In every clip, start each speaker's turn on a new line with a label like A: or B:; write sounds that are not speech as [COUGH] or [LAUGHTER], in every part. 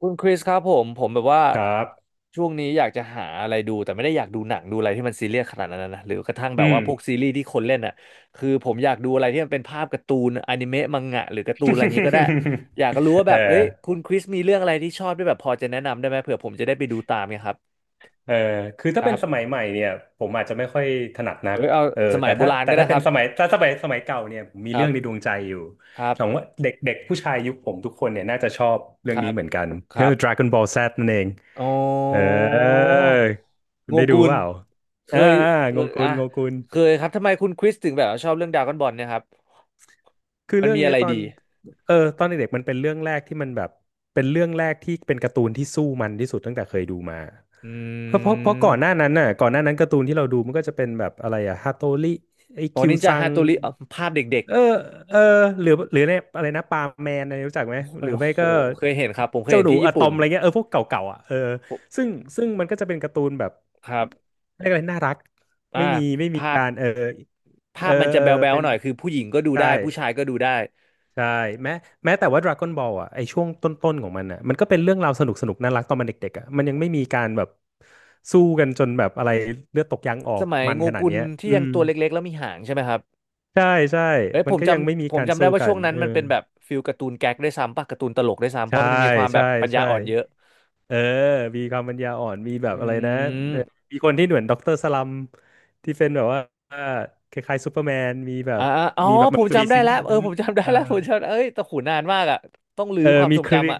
A: คุณคริสครับผมแบบว่า
B: ครับ
A: ช่วงนี้อยากจะหาอะไรดูแต่ไม่ได้อยากดูหนังดูอะไรที่มันซีเรียสขนาดนั้นนะหรือกระทั่งแบบ
B: อืม
A: ว่าพวกซีรีส์ที่คนเล่นอ่ะคือผมอยากดูอะไรที่มันเป็นภาพการ์ตูนอนิเมะมังงะหรือการ์ตูนอะไรอย่างนี้ก็ได้อยากรู้ว่า
B: [LAUGHS]
A: แบ
B: เอ
A: บเอ้ยคุ
B: อ
A: ณคริสมีเรื่องอะไรที่ชอบด้วยแบบพอจะแนะนำได้ไหมเผื่อผมจะได้ไปดูตามเนี่ยครับ
B: เออคือ
A: ค
B: ถ้าเป็
A: รั
B: นสมั
A: บ
B: ยใหม่เนี่ยผมอาจจะไม่ค่อยถนัดนั
A: เอ้
B: ก
A: ยเอาสมั
B: แต่
A: ยโบ
B: ถ้า
A: ราณก็ได้ค
B: เป็น
A: รับ
B: สมัยถ้าสมัยเก่าเนี่ยผมมี
A: ครั
B: เรื่องในดวง
A: บ
B: ใจอยู่
A: ครับ
B: สมมติว่าเด็กเด็กผู้ชายยุคผมทุกคนเนี่ยน่าจะชอบ
A: ค
B: เรื่อง
A: รั
B: นี้
A: บ
B: เหมือนกัน
A: ค
B: เอ
A: รั
B: อ
A: บ
B: Dragon Ball Z นั่นเอง
A: อ๋อ
B: เออคุ
A: โง
B: ณได้ดู
A: กุล
B: เปล่า
A: เคยเค
B: โง
A: ย
B: กุ
A: อ่ะ
B: นโงกุน
A: เคยครับ ทำไมคุณคริสถึงแบบว่าชอบเรื่องดราก้อนบอลเนี่ยครับ
B: คือ
A: มัน
B: เรื่อง
A: มีอะ
B: เนี้ย
A: ไร
B: ตอน
A: ดี
B: ตอนเด็กๆมันเป็นเรื่องแรกที่มันแบบเป็นเรื่องแรกที่เป็นการ์ตูนที่สู้มันที่สุดตั้งแต่เคยดูมา
A: อื
B: เพราะก่อนหน้า
A: ม
B: นั้นน่ะก่อนหน้านั้นการ์ตูนที่เราดูมันก็จะเป็นแบบอะไรอะฮาโตริไอ
A: อ๋อ
B: คิว
A: นินจา
B: ซั
A: ฮา
B: ง
A: โตริอ๋อภาพเด็ก
B: เออเออหรือเนี่ยอะไรนะปาแมนอะไรรู้จัก
A: ๆ
B: ไหม
A: โอ้
B: หรือไม่
A: โห
B: ก็
A: เคยเห็นครับ ผมเคย
B: เจ้า
A: เห็
B: ห
A: น
B: นู
A: ที่
B: อะ
A: ญี่
B: ตอ
A: ปุ่น
B: มอะไรเงี้ยเออพวกเก่าๆอ่ะเออ
A: ผม
B: ซึ่งซึ่งมันก็จะเป็นการ์ตูนแบบ
A: ครับ
B: เรียกอะไรน่ารัก
A: อ่า
B: ไม่มี
A: ภาพ
B: การเออ
A: ภา
B: เออ
A: พมันจะ
B: เออ
A: แบ๊ว
B: เป็น
A: ๆหน่อย คือผู้หญิงก็ดู
B: ใช่
A: ได้ ผู้ชายก็ดูได้
B: ใช่แม้แต่ว่า Dragon Ball อ่ะไอช่วงต้นๆของมันอ่ะมันก็เป็นเรื่องราวสนุกสนุกน่ารักตอนมันเด็กๆอ่ะมันยังไม่มีการแบบสู้กันจนแบบอะไรเลือดตกยางออ
A: ส
B: ก
A: มัย
B: มัน
A: โง
B: ขนาด
A: กุล
B: เนี้ย
A: ที่
B: อื
A: ยัง
B: ม
A: ตัวเล็กๆแล้วมีหางใช่ไหมครับ
B: ใช่ใช่
A: เอ้ย
B: มั
A: ผ
B: น
A: ม
B: ก็
A: จ
B: ยังไม่มี
A: ำผม
B: การ
A: จำได้
B: สู้
A: ว่า
B: กั
A: ช่ว
B: น
A: งนั้น
B: เออ
A: มันเป็นแบบฟิลการ์ตูนแก๊กด้วยซ้ำป่ะการ์ตูนตลกด้วยซ้ำเพ
B: ใช่
A: ราะมันมีความแบ
B: ใช่
A: บปัญญา
B: ใช่
A: อ่อนเยอะ
B: เออมีความปัญญาอ่อนมีแบบ
A: อื
B: อะไรนะเออ
A: ม
B: มีคนที่เหมือนด็อกเตอร์สลัมที่เป็นแบบว่าคล้ายๆซูเปอร์แมน
A: อ่าอ๋อ
B: มีแบบ
A: ผ
B: มัน
A: ม
B: จะมี
A: จำได้
B: ซิงค์
A: แล้ว
B: กัน
A: เออ
B: นะ
A: ผมจำได้
B: เออ
A: แล้วผมจำเอ้ยแต่หูนานมากอ่ะต้องรื้
B: เอ
A: อ
B: อ
A: ความ
B: มี
A: ทรง
B: คริ
A: จำอ่ะ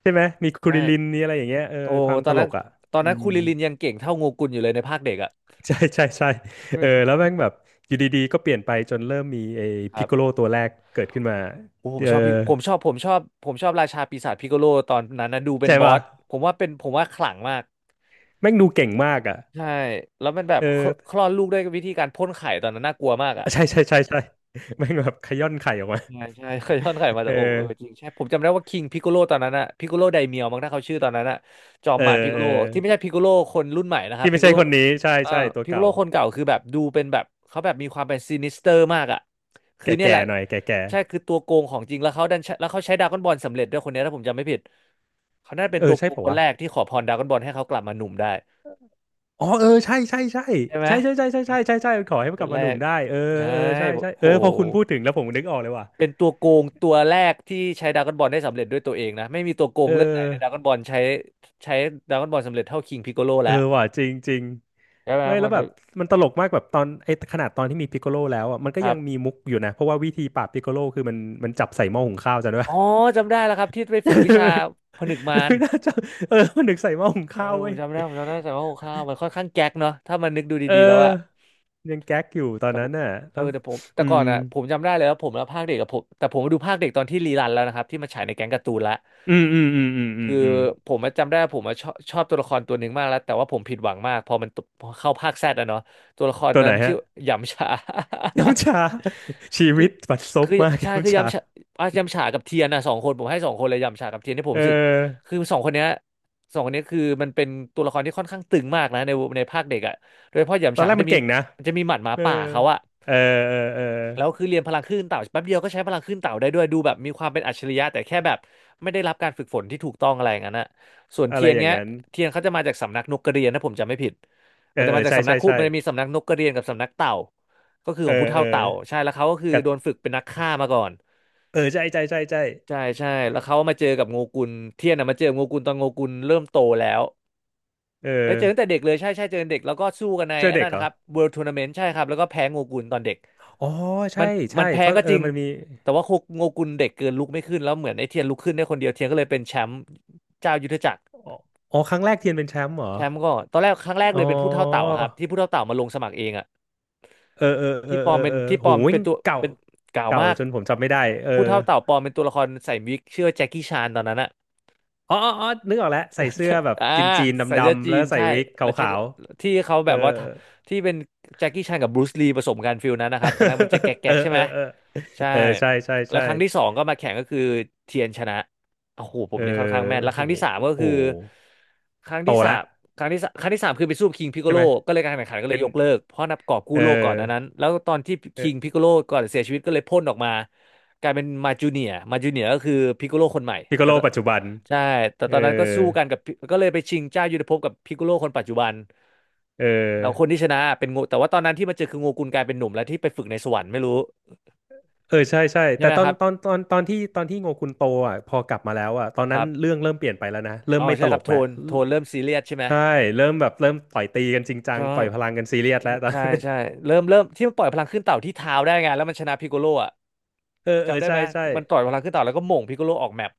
B: ใช่ไหมมีค
A: ใช่
B: ริลินนี่อะไรอย่างเงี้ยเออ
A: โอ้
B: ความ
A: ตอ
B: ต
A: น
B: ล
A: นั้น
B: กอ่ะ
A: ตอน
B: อื
A: นั้น
B: ม
A: คูริลินยังเก่งเท่าโงกุลอยู่เลยในภาคเด็กอ่ะ
B: ใช่ใช่ใช่
A: ใช่ไห
B: เอ
A: ม
B: อแล้วแม่งแบบอยู่ดีๆก็เปลี่ยนไปจนเริ่มมีไอ้
A: ค
B: พิ
A: รั
B: กโกโล
A: บ
B: ตัวแรกเกิดขึ้นมา
A: โอ้ผม
B: เออ
A: ชอบพี่ผมชอบผมชอบผมชอบราชาปีศาจพิกโกโลตอนนั้นนะดูเป็น
B: ใช่
A: บอ
B: ป่ะ
A: สผมว่าเป็นผมว่าขลังมาก
B: แม่งดูเก่งมากอ่ะ
A: ใช่แล้วมันแบบ
B: เอ
A: คล
B: อ
A: คลอดลูกด้วยวิธีการพ่นไข่ตอนนั้นน่ากลัวมากอ่ะ
B: ใช่ใช่ใช่ใช่แม่งแบบขย้อนไข่ออกมา
A: ใช่ใช่เคยทอดไข่มา
B: เออ
A: จากอกเออจริงใช่ผมจำได้ว่าคิงพิกโกโลตอนนั้นอะพิกโกโลไดเมียวมั้งถ้าเขาชื่อตอนนั้นอะจอม
B: เออ
A: มารพิกโก
B: เออ
A: โลที่ไม่ใช่พิกโกโลคนรุ่นใหม่นะครับ
B: ที่
A: พิก
B: ไม่
A: โก
B: ใช่
A: โล
B: คนนี้ใช่
A: เอ่อ
B: ใช่ตัว
A: พิกโก
B: เก่า
A: โลคนเก่าคือแบบดูเป็นแบบเขาแบบมีความเป็นซินิสเตอร์มากอะคือเนี่ยแห
B: แก่
A: ละ
B: ๆหน่อยแก่
A: ใช่คือตัวโกงของจริงแล้วเขาใช้ดราก้อนบอลสำเร็จด้วยคนเนี้ยถ้าผมจำไม่ผิดเขาน่าจะ
B: ๆ
A: เป็น
B: เอ
A: ตั
B: อ
A: วโก
B: ใช่
A: ง
B: ป่า
A: คน
B: วะ
A: แรกที่ขอพรดราก้อนบอลให้เขากลับมาหนุ่มได้
B: อ๋อเออใช่ใช่ใช่
A: ใช่ไหม
B: ใช่ใช่ใช่ใช่ใช่ใช่ใช่ขอ
A: เป็น
B: ให้มั
A: ค
B: นกลั
A: น
B: บ
A: แร
B: มาหนุ่ม
A: ก
B: ได้เออ
A: ใช่
B: เออใช่ใช่เอ
A: โห
B: อพอคุณพูดถึงแล้วผมนึกออกเลยว่ะ
A: เป็นตัวโกงตัวแรกที่ใช้ดราก้อนบอลได้สำเร็จด้วยตัวเองนะไม่มีตัวโกง
B: เอ
A: เรื่องไหนในดรา
B: อ
A: ก้อนบอลใช้ใช้ดราก้อนบอลสำเร็จเท่าคิงพิกโกโล
B: เอ
A: แล้ว
B: อว่ะจริงจริง
A: ใช่ไหมค
B: ไม่
A: รับ
B: แล้
A: วั
B: ว
A: น
B: แบ
A: นึ
B: บ
A: ก
B: มันตลกมากแบบตอนไอ้ขนาดตอนที่มีพิกโคโลแล้วอ่ะมันก็
A: ครั
B: ยังมี
A: บ
B: มุกอยู่นะเพราะว่าวิธีปราบพิกโคโลคือมันจับใส่หม้อหุงข้าวจำได้
A: อ๋
B: ปะ
A: อจำได้แล้วครับที่ไปฝึ
B: [LAUGHS]
A: กวิชาผนึกมาร
B: ดูน่าจะเออมันนึกใส่หม้อหุง
A: เออ
B: ข้าว
A: ผ
B: เว้
A: ม
B: ย
A: จำได้ผมจำได้แต่ว่าโอ้ข้าวมันค่อนข้างแก๊กเนาะถ้ามันนึกดู
B: เอ
A: ดีๆแล้วอะ
B: อยังแก๊กอยู่ตอน
A: แต่ผ
B: นั้น
A: ม
B: น่ะ
A: เอ
B: แล้
A: อ
B: ว
A: แต่ผมแต่
B: อื
A: ก่อ
B: ม
A: นอ่ะผมจำได้เลยว่าผมแล้วภาคเด็กกับผมแต่ผมมาดูภาคเด็กตอนที่รีรันแล้วนะครับที่มาฉายในแก๊งการ์ตูนละ
B: อืมอืมอืมอืมอืม
A: คือ
B: อืม
A: ผมอะจำได้ว่าผมมาชอบตัวละครตัวหนึ่งมากแล้วแต่ว่าผมผิดหวังมากพอมันตพอเข้าภาคแซดอะเนาะตัวละคร
B: ตัว
A: นั้
B: ไหน
A: นมันชื่
B: ฮะ
A: อหยำฉา
B: น้ำชา [LAUGHS] ชี
A: [LAUGHS] คือ
B: วิตบัดซบ
A: คือ
B: มาก
A: ใช่คือ
B: น้ำชา
A: ยำฉาอ่ะยำฉากับเทียนนะสองคนผมให้สองคนเลยยำฉากับเทียนที่ผ
B: เ
A: มรู้สึก
B: ออ
A: คือสองคนเนี้ยสองคนเนี้ยคือมันเป็นตัวละครที่ค่อนข้างตึงมากนะในในภาคเด็กอะโดยเฉพาะห
B: ต
A: ยำ
B: อน
A: ฉา
B: แรก
A: เขาจะ
B: มัน
A: มี
B: เก่งนะ
A: มันจะมีหมัดหมา
B: เออ
A: ป่าเขาอะ
B: เออเออเออ
A: แล้วคือเรียนพลังคลื่นเต่าแป๊บเดียวก็ใช้พลังคลื่นเต่าได้ด้วยดูแบบมีความเป็นอัจฉริยะแต่แค่แบบไม่ได้รับการฝึกฝนที่ถูกต้องอะไรอย่างนั้นอะส่วน
B: อะ
A: เที
B: ไร
A: ยน
B: อย่าง
A: เงี้ย
B: นั้น
A: เทียนเขาจะมาจากสำนักนกกระเรียนนะผมจำไม่ผิด
B: เอ
A: มั
B: อ
A: นจะ
B: เออ
A: มาจาก
B: ใช่
A: สำนั
B: ใช่
A: กคุ
B: ใช่
A: มันจะมีสำนักนกกระเรียนกับสำนักเต่าก็คือ
B: เอ
A: ข
B: อ
A: องผู้
B: เอ
A: เฒ่า
B: อ
A: เต่าใช่แล้วเขาก็คือ
B: กับ
A: โดนฝึกเป็นนักฆ่ามาก่อน
B: เออใช่ใช่ใช่ใช่
A: ใช่ใช่แล้วเขามาเจอกับโงกุลเทียนอะมาเจอโงกุลตอนโงกุลเริ่มโตแล้ว
B: เอ
A: แล้วเจอตั้งแต่
B: อ
A: เด็กเลยใช่ใช่เจอเด็กแล้วก็สู้กันใน
B: เสื้อ
A: อัน
B: เด็
A: นั้
B: ก
A: น
B: เหร
A: นะ
B: อ
A: ครับ World Tournament ใช่ครับแล้วก็แพ้โงกุลตอนเด็ก
B: อ๋อ
A: มั
B: ใช่
A: นมั
B: ใช่
A: นแพ้
B: เพราะ
A: ก็
B: เออ
A: จริง
B: มันมี
A: แต่ว่าโงกุนเด็กเกินลุกไม่ขึ้นแล้วเหมือนไอ้เทียนลุกขึ้นได้คนเดียวเทียนก็เลยเป็นแชมป์เจ้ายุทธจักร
B: อ๋ออ๋อครั้งแรกเทียนเป็นแชมป์เหรอ
A: แชมป์ก็ตอนแรกครั้งแรก
B: อ๋
A: เล
B: อ
A: ยเป็นผู้เท่าเต่าครับที่ผู้เท่าเต่ามาลงสมัครเองอะ
B: เออเออเออเออเออ
A: ที่ป
B: โห
A: ลอม
B: ย
A: เป็น
B: เก่า
A: กล่าวมาก
B: จนผมจำไม่ได้เออ
A: ผู้เท่าเต่าปลอมเป็นตัวละครใส่วิกชื่อว่าแจ็คกี้ชานตอนนั้นอะ
B: อ๋อนึกออกแล้วใส่เสื้อแบบ
A: [LAUGHS] อ่า
B: จีนๆ
A: ใส่
B: ดำ
A: เสื้อ
B: ดำๆ
A: จี
B: แล้ว
A: น
B: ก็ใส่
A: ใช่
B: วิกข
A: แล้วแจ็ค
B: าว
A: ที่เขา
B: ๆ เอ
A: แบ
B: อ
A: บว่าที่เป็นแจ็คกี้ชานกับบรูซลีผสมกันฟิลนั้นนะครับตอนนั้นมันจะแก
B: [LAUGHS]
A: ๊
B: เออ
A: กๆใช่
B: เอ
A: ไหม
B: อเออ
A: ใช่
B: เออใช่ใช่
A: แล้ว
B: ใช่
A: ครั้งที่สองก็มาแข่งก็คือเทียนชนะโอ้โหผ
B: เอ
A: ม
B: อ
A: นี่ค่อนข้างแม่นแล้วค
B: โห
A: รั้งที่สามก็
B: โ้
A: คือ
B: ห
A: ครั้ง
B: โ
A: ที่สา
B: ต
A: ม
B: ละ
A: ครั้งที่สามคือไปสู้คิงพิโก
B: ใช่
A: โล
B: ไหม
A: ก็เลยการแข่งขันก็เล
B: เป็
A: ย
B: น
A: ยกเลิกเพราะนับกอบกู้
B: เอ
A: โลกก่อน
B: อ
A: อันนั้นแล้วตอนที่คิง
B: เออ
A: พิโกโลก่อนเสียชีวิตก็เลยพ่นออกมากลายเป็นมาจูเนียมาจูเนียก็คือพิโกโลคนใหม่
B: พิโก
A: แต่
B: โลปัจจุบัน
A: ใช่ แต่
B: เอ
A: ต
B: อ
A: อนนั้นก็สู้กันกับพี่ก็เลยไปชิงเจ้ายุทธภพกับพิกโกโลคนปัจจุบัน
B: เอ
A: เราคน
B: อ
A: ที่ชนะเป็นโงแต่ว่าตอนนั้นที่มาเจอคือโงกุลกลายเป็นหนุ่มแล้วที่ไปฝึกในสวรรค์ไม่รู้
B: เออใช่ใช่
A: ใช่
B: แต่
A: ไหม
B: ตอ
A: ค
B: น
A: รับ
B: ตอนตอนตอนที่ตอนที่โงกุนโตอ่ะพอกลับมาแล้วอ่ะตอน
A: ค
B: นั้
A: รั
B: น
A: บ
B: เรื่องเริ่มเปลี่ยนไปแล้วนะเริ่
A: อ๋
B: ม
A: อ
B: ไม่
A: ใช่
B: ต
A: ค
B: ล
A: รับ
B: ก
A: โท
B: แล้ว
A: นโทนเริ่มซีเรียสใช่ไหม
B: ใช่เริ่มแบบเริ่มต่อยตีกันจริงจัง
A: ใช่
B: ปล่อยพลังกันซีเรียสแล้วตอน
A: ใช่ใช่
B: [LAUGHS]
A: เริ่มที่มันปล่อยพลังขึ้นเต่าที่เท้าได้ไงแล้วมันชนะพิกโกโลอ่ะ
B: เออเออ
A: จำได้
B: ใช่
A: ไหม
B: ใช่
A: มันต่อยพลังขึ้นเต่าแล้วก็หม่งพิกโกโลออกแมป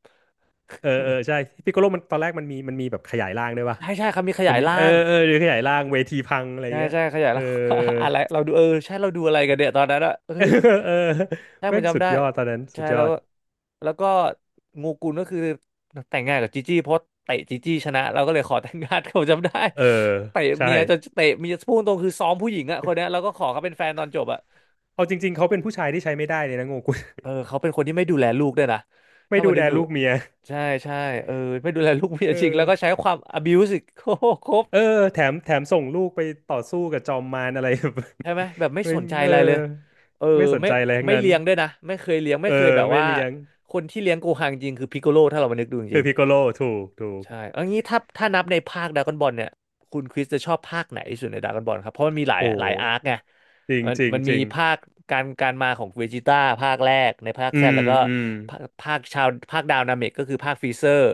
B: เออเออใช่พิกโกโลมันตอนแรกมันมีแบบขยายร่างด้วยป่ะ
A: ใช่ใช่ครับมีข
B: มั
A: ยา
B: น
A: ย
B: มี
A: ร่า
B: เออ
A: ง
B: เออหรือขยายร่างเวทีพังอะไร
A: ใช่
B: เงี้ย
A: ใช่ขยาย
B: เอ
A: แล้
B: อ
A: ว [LAUGHS] อะไรเราดูเออใช่เราดูอะไรกันเนี่ยตอนนั้นอะเฮ้
B: [LAUGHS] เออ
A: ย
B: เออ
A: ใช่ผ
B: แม่
A: ม
B: งสุ
A: จำ
B: ด
A: ได้
B: ยอดตอนนั้นสุ
A: ใช่
B: ดย
A: แล้
B: อ
A: ว
B: ด
A: ก็แล้วก็งูกุลก็คือแต่งงานกับจีจี้เพราะเตะจีจี้ชนะเราก็เลยขอแต่งงานเขาจำได้
B: เออ
A: เตะ
B: ใช่
A: เมียจนเตะเมียพูดตรงคือซ้อมผู้หญิงอะคนเนี้ยแล้วก็ขอเขาเป็นแฟนตอนจบอะ
B: เอาจริงๆเขาเป็นผู้ชายที่ใช้ไม่ได้เลยนะโงกุล
A: เออเขาเป็นคนที่ไม่ดูแลลูกด้วยนะ
B: [LAUGHS] ไม่
A: ถ้ามา
B: ดู
A: นึ
B: แล
A: กดู
B: ลูกเมีย
A: ใช่ใช่เออไม่ดูแลลูกเมีย
B: เอ
A: จริง
B: อ
A: แล้วก็ใช้ความ abuse อีกโคตรครบ
B: เออแถมส่งลูกไปต่อสู้กับจอมมารอะไร [LAUGHS] แบบ
A: ใช่ไหมแบบไม่
B: [LAUGHS] ไม่
A: สนใจ
B: เอ
A: อะ
B: อ
A: ไรเลย เออ
B: ไม่สน
A: ไม่
B: ใจอะไรทั้ง
A: ไม่
B: นั้น
A: เลี้ยงด้วยนะไม่เคยเลี้ยง
B: เอ
A: ไม่
B: อ
A: เคยแบบ
B: ไม่
A: ว่า
B: เลี้ยง
A: คนที่เลี้ยงโกคังจริงคือพิกโกโลถ้าเรามานึกดูจ
B: คือ
A: ริง
B: พิกโกโลถูกถู
A: ๆ
B: ก
A: ใช่เอางี้ถ้านับในภาคดราก้อนบอลเนี่ยคุณคริสจะชอบภาคไหนที่สุดในดราก้อนบอลครับเพราะมันมีหลาย
B: โอ้
A: หลายอาร์คไง
B: จริง
A: มัน
B: จริง
A: มัน
B: จ
A: มี
B: ริง
A: ภาคการมาของเวจิต้าภาคแรกในภาค
B: อื
A: แซด
B: ม
A: แล้วก็
B: อืม
A: ภาคดาวนาเมกก็คือภาคฟรีเซอร์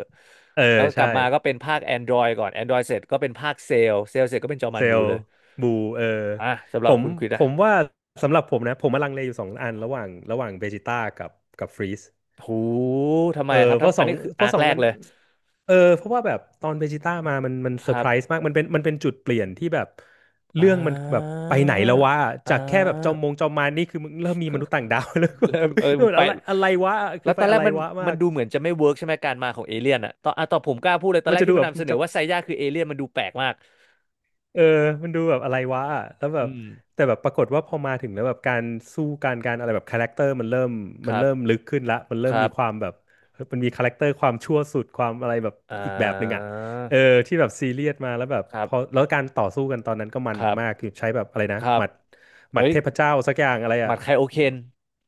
B: เออ
A: แล้วก็ก
B: ใช่
A: ลับมาก็เป็นภาค Android ก่อน Android เสร็จก็เป็นภาคเซลเสร็จก็เป็นจอมั
B: เซ
A: น
B: ล
A: บู
B: ล์
A: เลย
B: บูเออ
A: อ่ะสำห
B: ผ
A: รับ
B: ม
A: คุณคริส
B: ผ
A: อะ
B: มว่าสำหรับผมนะผมมาลังเลอยู่สองอันระหว่างเวจิต้ากับกับฟรีส
A: โหทำไม
B: เออ
A: ครับทำอันนี้คือ
B: เพ
A: อา
B: ราะ
A: ร์ค
B: สอง
A: แรก
B: อัน
A: เลย
B: เออเพราะว่าแบบตอนเวจิต้ามามันเซ
A: ค
B: อร์
A: รั
B: ไพ
A: บ
B: รส์มากมันเป็นจุดเปลี่ยนที่แบบ
A: อ่
B: เรื่องมันแบบ
A: า
B: ไปไหนแล้ววะ
A: อ่
B: จากแค่แบบจอม
A: า
B: มงจอมมารนี่คือมึงเริ่มมีมนุษย์ต่างดาว [LAUGHS] แล้วก็แบบ
A: เริ่มเออไป
B: อะไรอะไรวะ
A: แล้
B: คือ
A: วต
B: ไป
A: อนแร
B: อะ
A: ก
B: ไรวะมา
A: มัน
B: ก
A: ดูเหมือนจะไม่เวิร์กใช่ไหมการมาของเอเลี่ยนอะตอนอ่ะตอนผมกล้าพูดเลยตอน
B: มั
A: แร
B: น
A: ก
B: จะ
A: ที่
B: ดู
A: มั
B: แบ
A: น
B: บ
A: นำเสนอ
B: จะ
A: ว่าไซย่าคือเอเลี่ยนมันดูแปลกมาก
B: เออมันดูแบบอะไรวะอะแล้วแบ
A: อื
B: บ
A: ม
B: แต่แบบปรากฏว่าพอมาถึงแล้วแบบการสู้การอะไรแบบคาแรคเตอร์มันเริ่ม
A: ค
B: มัน
A: รั
B: เริ่ม
A: บ
B: ลึกขึ้นละมันเริ่
A: ค
B: ม
A: รั
B: มีควา
A: บ
B: มแบบเฮ้ยมันมีคาแรคเตอร์ความชั่วสุดความอะไรแบบ
A: อ่
B: อีกแบบหนึ่งอ่ะ
A: า
B: เออที่แบบซีเรียสมาแล้วแบบ
A: ครั
B: พ
A: บ
B: อแล้วการต่อสู้กันตอนนั้นก็มั
A: ค
B: น
A: รั
B: มาก
A: บ
B: คือใช้แบบอะไรนะ
A: ครับ
B: ห
A: เอ้
B: มัด
A: ย
B: เทพเจ้าสักอย่างอะไร
A: ห
B: อ่ะ
A: มัดใครโอเคน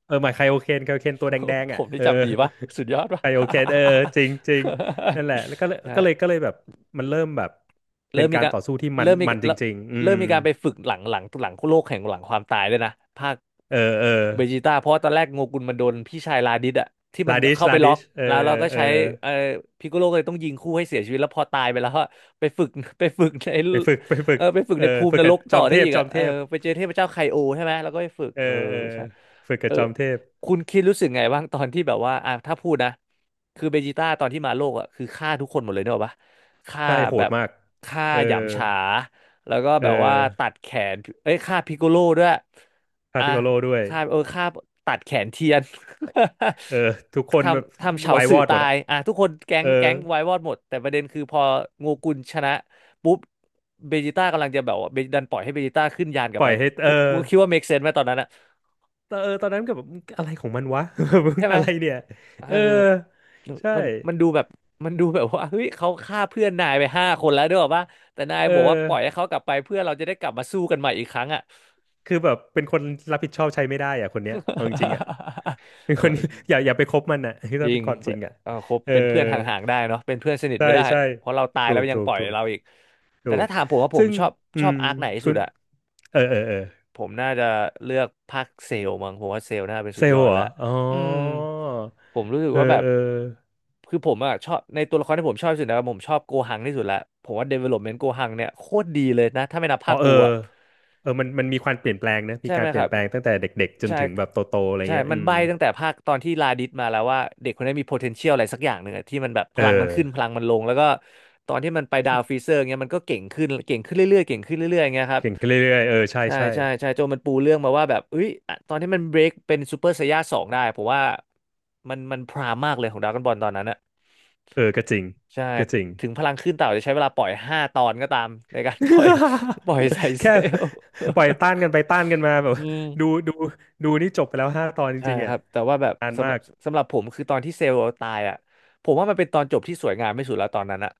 B: เออหมายไคโอเคนตัวแดง
A: [LAUGHS] ผ
B: ๆอ่ะ
A: มนี่
B: เออ
A: จำดีปะสุดยอดปะ
B: ไคโอเคนเออจริงจริงนั่นแหละแล้วก็เล
A: [LAUGHS]
B: ยก็เลย
A: ใช่
B: ก็เลยแบบมันเริ่มแบบเป็
A: เริ่
B: น
A: มมี
B: การ
A: การ
B: ต่อสู้ที่มัน
A: เริ่มมี
B: มันจ
A: แล้ว
B: ริงๆอื
A: เริ่
B: ม
A: มมีการไปฝึกหลังโลกแห่งหลังความตายด้วยนะภาค
B: เออเออ
A: เบจิต้าเพราะว่าตอนแรกโงกุนมันโดนพี่ชายลาดิสอะที่มั
B: ลา
A: น
B: ดิช
A: เข้าไปล็อก
B: เออ
A: แล้วเราก็
B: เออ
A: ใช้เอ่อพิกโกโลก็เลยต้องยิงคู่ให้เสียชีวิตแล้วพอตายไปแล้วก็ไปฝึกใน
B: ไปฝึก
A: ไปฝึก
B: เอ
A: ใน
B: อ
A: ภูมิ
B: ฝึ
A: น
B: ก
A: ร
B: กับ
A: ก
B: จ
A: ต่อ
B: อม
A: ได้
B: เทพ
A: อีกอะเออไปเจอเทพเจ้าไคโอใช่ไหมแล้วก็ไปฝึก
B: เออ
A: เออ
B: เออ
A: ใช่
B: ฝึก
A: เอ
B: กับ
A: อ
B: จอมเทพ
A: คุณคิดรู้สึกไงบ้างตอนที่แบบว่าอ่ะถ้าพูดนะคือเบจิต้าตอนที่มาโลกอะคือฆ่าทุกคนหมดเลยเนกอะปะฆ่า
B: ใช่โห
A: แบ
B: ด
A: บ
B: มาก
A: ฆ่า
B: เออ
A: หยำฉาแล้วก็
B: เอ
A: แบ
B: อ
A: บว่าตัดแขนเอ้ยฆ่าพิกโกโลด้วย
B: พา
A: อ่ะ
B: พิโกโลด้วย
A: ฆ่าเออฆ่าตัดแขนเทียน
B: เออทุกค
A: [LAUGHS] ท
B: นแบบ
A: ำเฉา
B: วาย
A: สื่
B: ว
A: อ
B: อดหม
A: ตา
B: ดอะ
A: ยอ่ะทุกคนแก๊
B: เอ
A: ง
B: อ
A: แก๊งไว้วอดหมดแต่ประเด็นคือพอโงูกุลชนะปุ๊บเบจิต้ากำลังจะแบบว่าเบดันปล่อยให้เบจิต้าขึ้นยานกลั
B: ป
A: บ
B: ล่
A: ไป
B: อยให้เออ
A: คุณคิดว่าเมคเซนไหมตอนนั้นอะ
B: ตอนนั้นก็แบบอะไรของมันวะ [LAUGHS] มึง
A: ใช่ไหม
B: อะไรเนี่ย
A: เออ
B: เออใช่
A: มันดูแบบมันดูแบบว่าเฮ้ยเขาฆ่าเพื่อนนายไป5 คนแล้วด้วยป่ะแต่นาย
B: เออ
A: บอกว่าปล่อยให้เขากลับไปเพื่อเราจะได้กลับมาสู้กันใหม่อีกครั้งอ่ะ
B: คือแบบเป็นคนรับผิดชอบใช้ไม่ได้อ่ะคนเนี้ยเอาจริงๆอ่ะ
A: [LAUGHS]
B: เป็น
A: เอ
B: คน
A: อ
B: [LAUGHS] อย่าไปคบมันอ่ะ [LAUGHS] คือ
A: จ
B: ต้อง
A: ริ
B: เป็
A: ง
B: นความจริงอ่ะ
A: เออคบ
B: เออ
A: เป็นเพื่อนห่างๆได้เนาะเป็นเพื่อนสนิท
B: ใช่
A: ไม่ได้
B: ใช่
A: เพราะเราตาย
B: ถู
A: แล้
B: ก
A: วยัง
B: ถู
A: ป
B: ก
A: ล่อย
B: ถูก
A: เราอีก
B: ถู
A: แต่
B: ก
A: ถ้าถามผมว่าผ
B: ซึ่
A: ม
B: ง
A: ชอบ
B: อืม
A: อาร์คไหนที่
B: คุ
A: สุด
B: ณ
A: อะ
B: เออเออเออ
A: ผมน่าจะเลือกภาคเซลล์มั้งผมว่าเซลล์น่าเป็น
B: เซ
A: สุดย
B: ล
A: อ
B: ล์
A: ด
B: เหร
A: ละ
B: ออ๋อ
A: อืมผมรู้สึก
B: เออ
A: ว่าแบบ
B: เออ
A: คือผมอะชอบในตัวละครที่ผมชอบที่สุดนะครับผมชอบโกหังที่สุดละผมว่า development โกหังเนี่ยโคตรดีเลยนะถ้าไม่นับ
B: อ๋
A: ภา
B: อ
A: ค
B: เอ
A: บู
B: อ
A: อะ
B: เออมันมีความเปลี่ยนแปลงนะมี
A: ใช่ไห
B: กา
A: ม
B: รเป
A: ค
B: ลี่ย
A: รั
B: น
A: บ
B: แปลงตั้งแต่เด็กๆจน
A: ใช่
B: ถึงแบบโตๆอะไร
A: ใช่
B: เงี้ย
A: มั
B: อื
A: น
B: ม
A: ใบ้ตั้งแต่ภาคตอนที่ลาดิสมาแล้วว่าเด็กคนนี้มี potential อะไรสักอย่างหนึ่งอะที่มันแบบพ
B: เอ
A: ลังมัน
B: อ
A: ขึ้นพลังมันลงแล้วก็ตอนที่มันไปดาวฟรีเซอร์เงี้ยมันก็เก่งขึ้นเก่งขึ้นเรื่อยๆเก่งขึ้นเรื่อยๆเงี้ยครับ
B: เก่งขึ้นเรื่อยๆเออใช่
A: ใช่
B: ใช่
A: ใช่ใช่โจมันปูเรื่องมาว่าแบบเอ้ยอะตอนที่มันเบรกเป็นซูเปอร์ไซย่า2ได้ผมว่ามันพรามมากเลยของดราก้อนบอลตอนนั้นอะ
B: เออก็จริง
A: ใช่
B: ก็จริง
A: ถึงพลังขึ้นเต่าจะใช้เวลาปล่อย5 ตอนก็ตามในการ [LAUGHS] ปล่อยไซ
B: [LAUGHS]
A: เซ
B: แค่
A: ล
B: ปล่อยต้านกันไปต้านกันมาแบบ
A: อื
B: [LAUGHS]
A: ม
B: ดูดูนี่จบไปแล้ว5 ตอนจ
A: ใช่
B: ริงๆ
A: ค
B: อ่ะ
A: รับแต่ว่าแบบ
B: นาน
A: สำห
B: มา
A: รับ
B: ก
A: สำหรับผมคือตอนที่เซลล์ตายอ่ะผมว่ามันเป็นตอนจบที่สวยงามไม่สุดแล้วตอนนั้นอ่ะ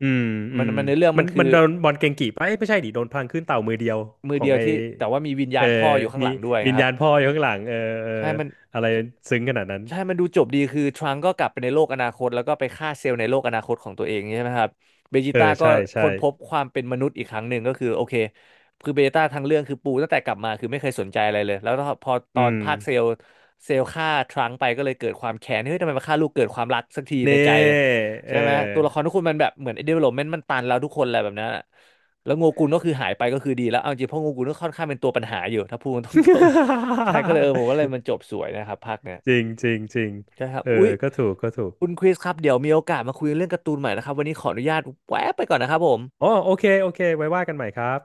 B: อืมอื
A: มัน
B: ม
A: มันในเรื่อง
B: มั
A: มัน
B: น
A: คื
B: มัน
A: อ
B: โดนบอลเกงกี่ไปะเอ้ยไม่ใช่ดิโดนพลังขึ้นเต่ามือเดียว
A: มื
B: ข
A: อ
B: อ
A: เดี
B: ง
A: ยว
B: ไอ
A: ที่แต่ว่ามีวิญญา
B: เออ
A: ณพ่ออยู่ข้างห
B: มี
A: ลังด้วย
B: วิ
A: นะ
B: ญ
A: ครับ
B: ญาณพ่ออยู่ข้างหลังเออเออ
A: ใช่มัน
B: อะไรซึ้งขนาดนั้น
A: ใช่มันดูจบดีคือทรังก์ก็กลับไปในโลกอนาคต แล้วก็ไปฆ่าเซลล์ในโลกอนาคตของตัวเองใช่ไหมครับเบจิ
B: เออ
A: ต้าก็
B: ใช่ใช่
A: ค้นพบความเป็นมนุษย์อีกครั้งหนึ่งก็คือโอเคคือเบจิต้าทั้งเรื่องคือปูตั้งแต่กลับมาคือไม่เคยสนใจอะไรเลย แล้วพอต
B: อื
A: อน
B: ม
A: ภาคเซลล์เซลล์ฆ่าทรังก์ไปก็เลยเกิดความแค้นเฮ้ยทำไมมาฆ่าลูกเกิดความรักสักที
B: เน่
A: ในใจเลย
B: เอ
A: ใช่
B: อ
A: ไหมตัวละครทุกคนมันแบบเหมือน development มันตันแล้วทุกคนอะไรแบบนั้นอะแล้วโงกุนก็คือหายไปก็คือดีแล้วเอาจริงเพราะโงกุนก็ค่อนข้างเป็นตัวปัญหาอยู่ถ้าพูดตรงๆใช่ก็เลยเออผมว่าเลยมั
B: [LAUGHS]
A: นจบสวยนะครับภาคเนี้ย
B: จริงจริงจริง
A: ใช่ครับ
B: เออ
A: อุ๊ย
B: ก็ถูกก็ถูก
A: คุณคริสครับ เดี๋ยวมีโอกาสมาคุยเรื่องการ์ตูนใหม่นะครับ วันนี้ขออนุญาตแวะไปก่อนนะครับผม
B: อ๋อโอเคโอเคไว้ว่ากันใหม่ครับ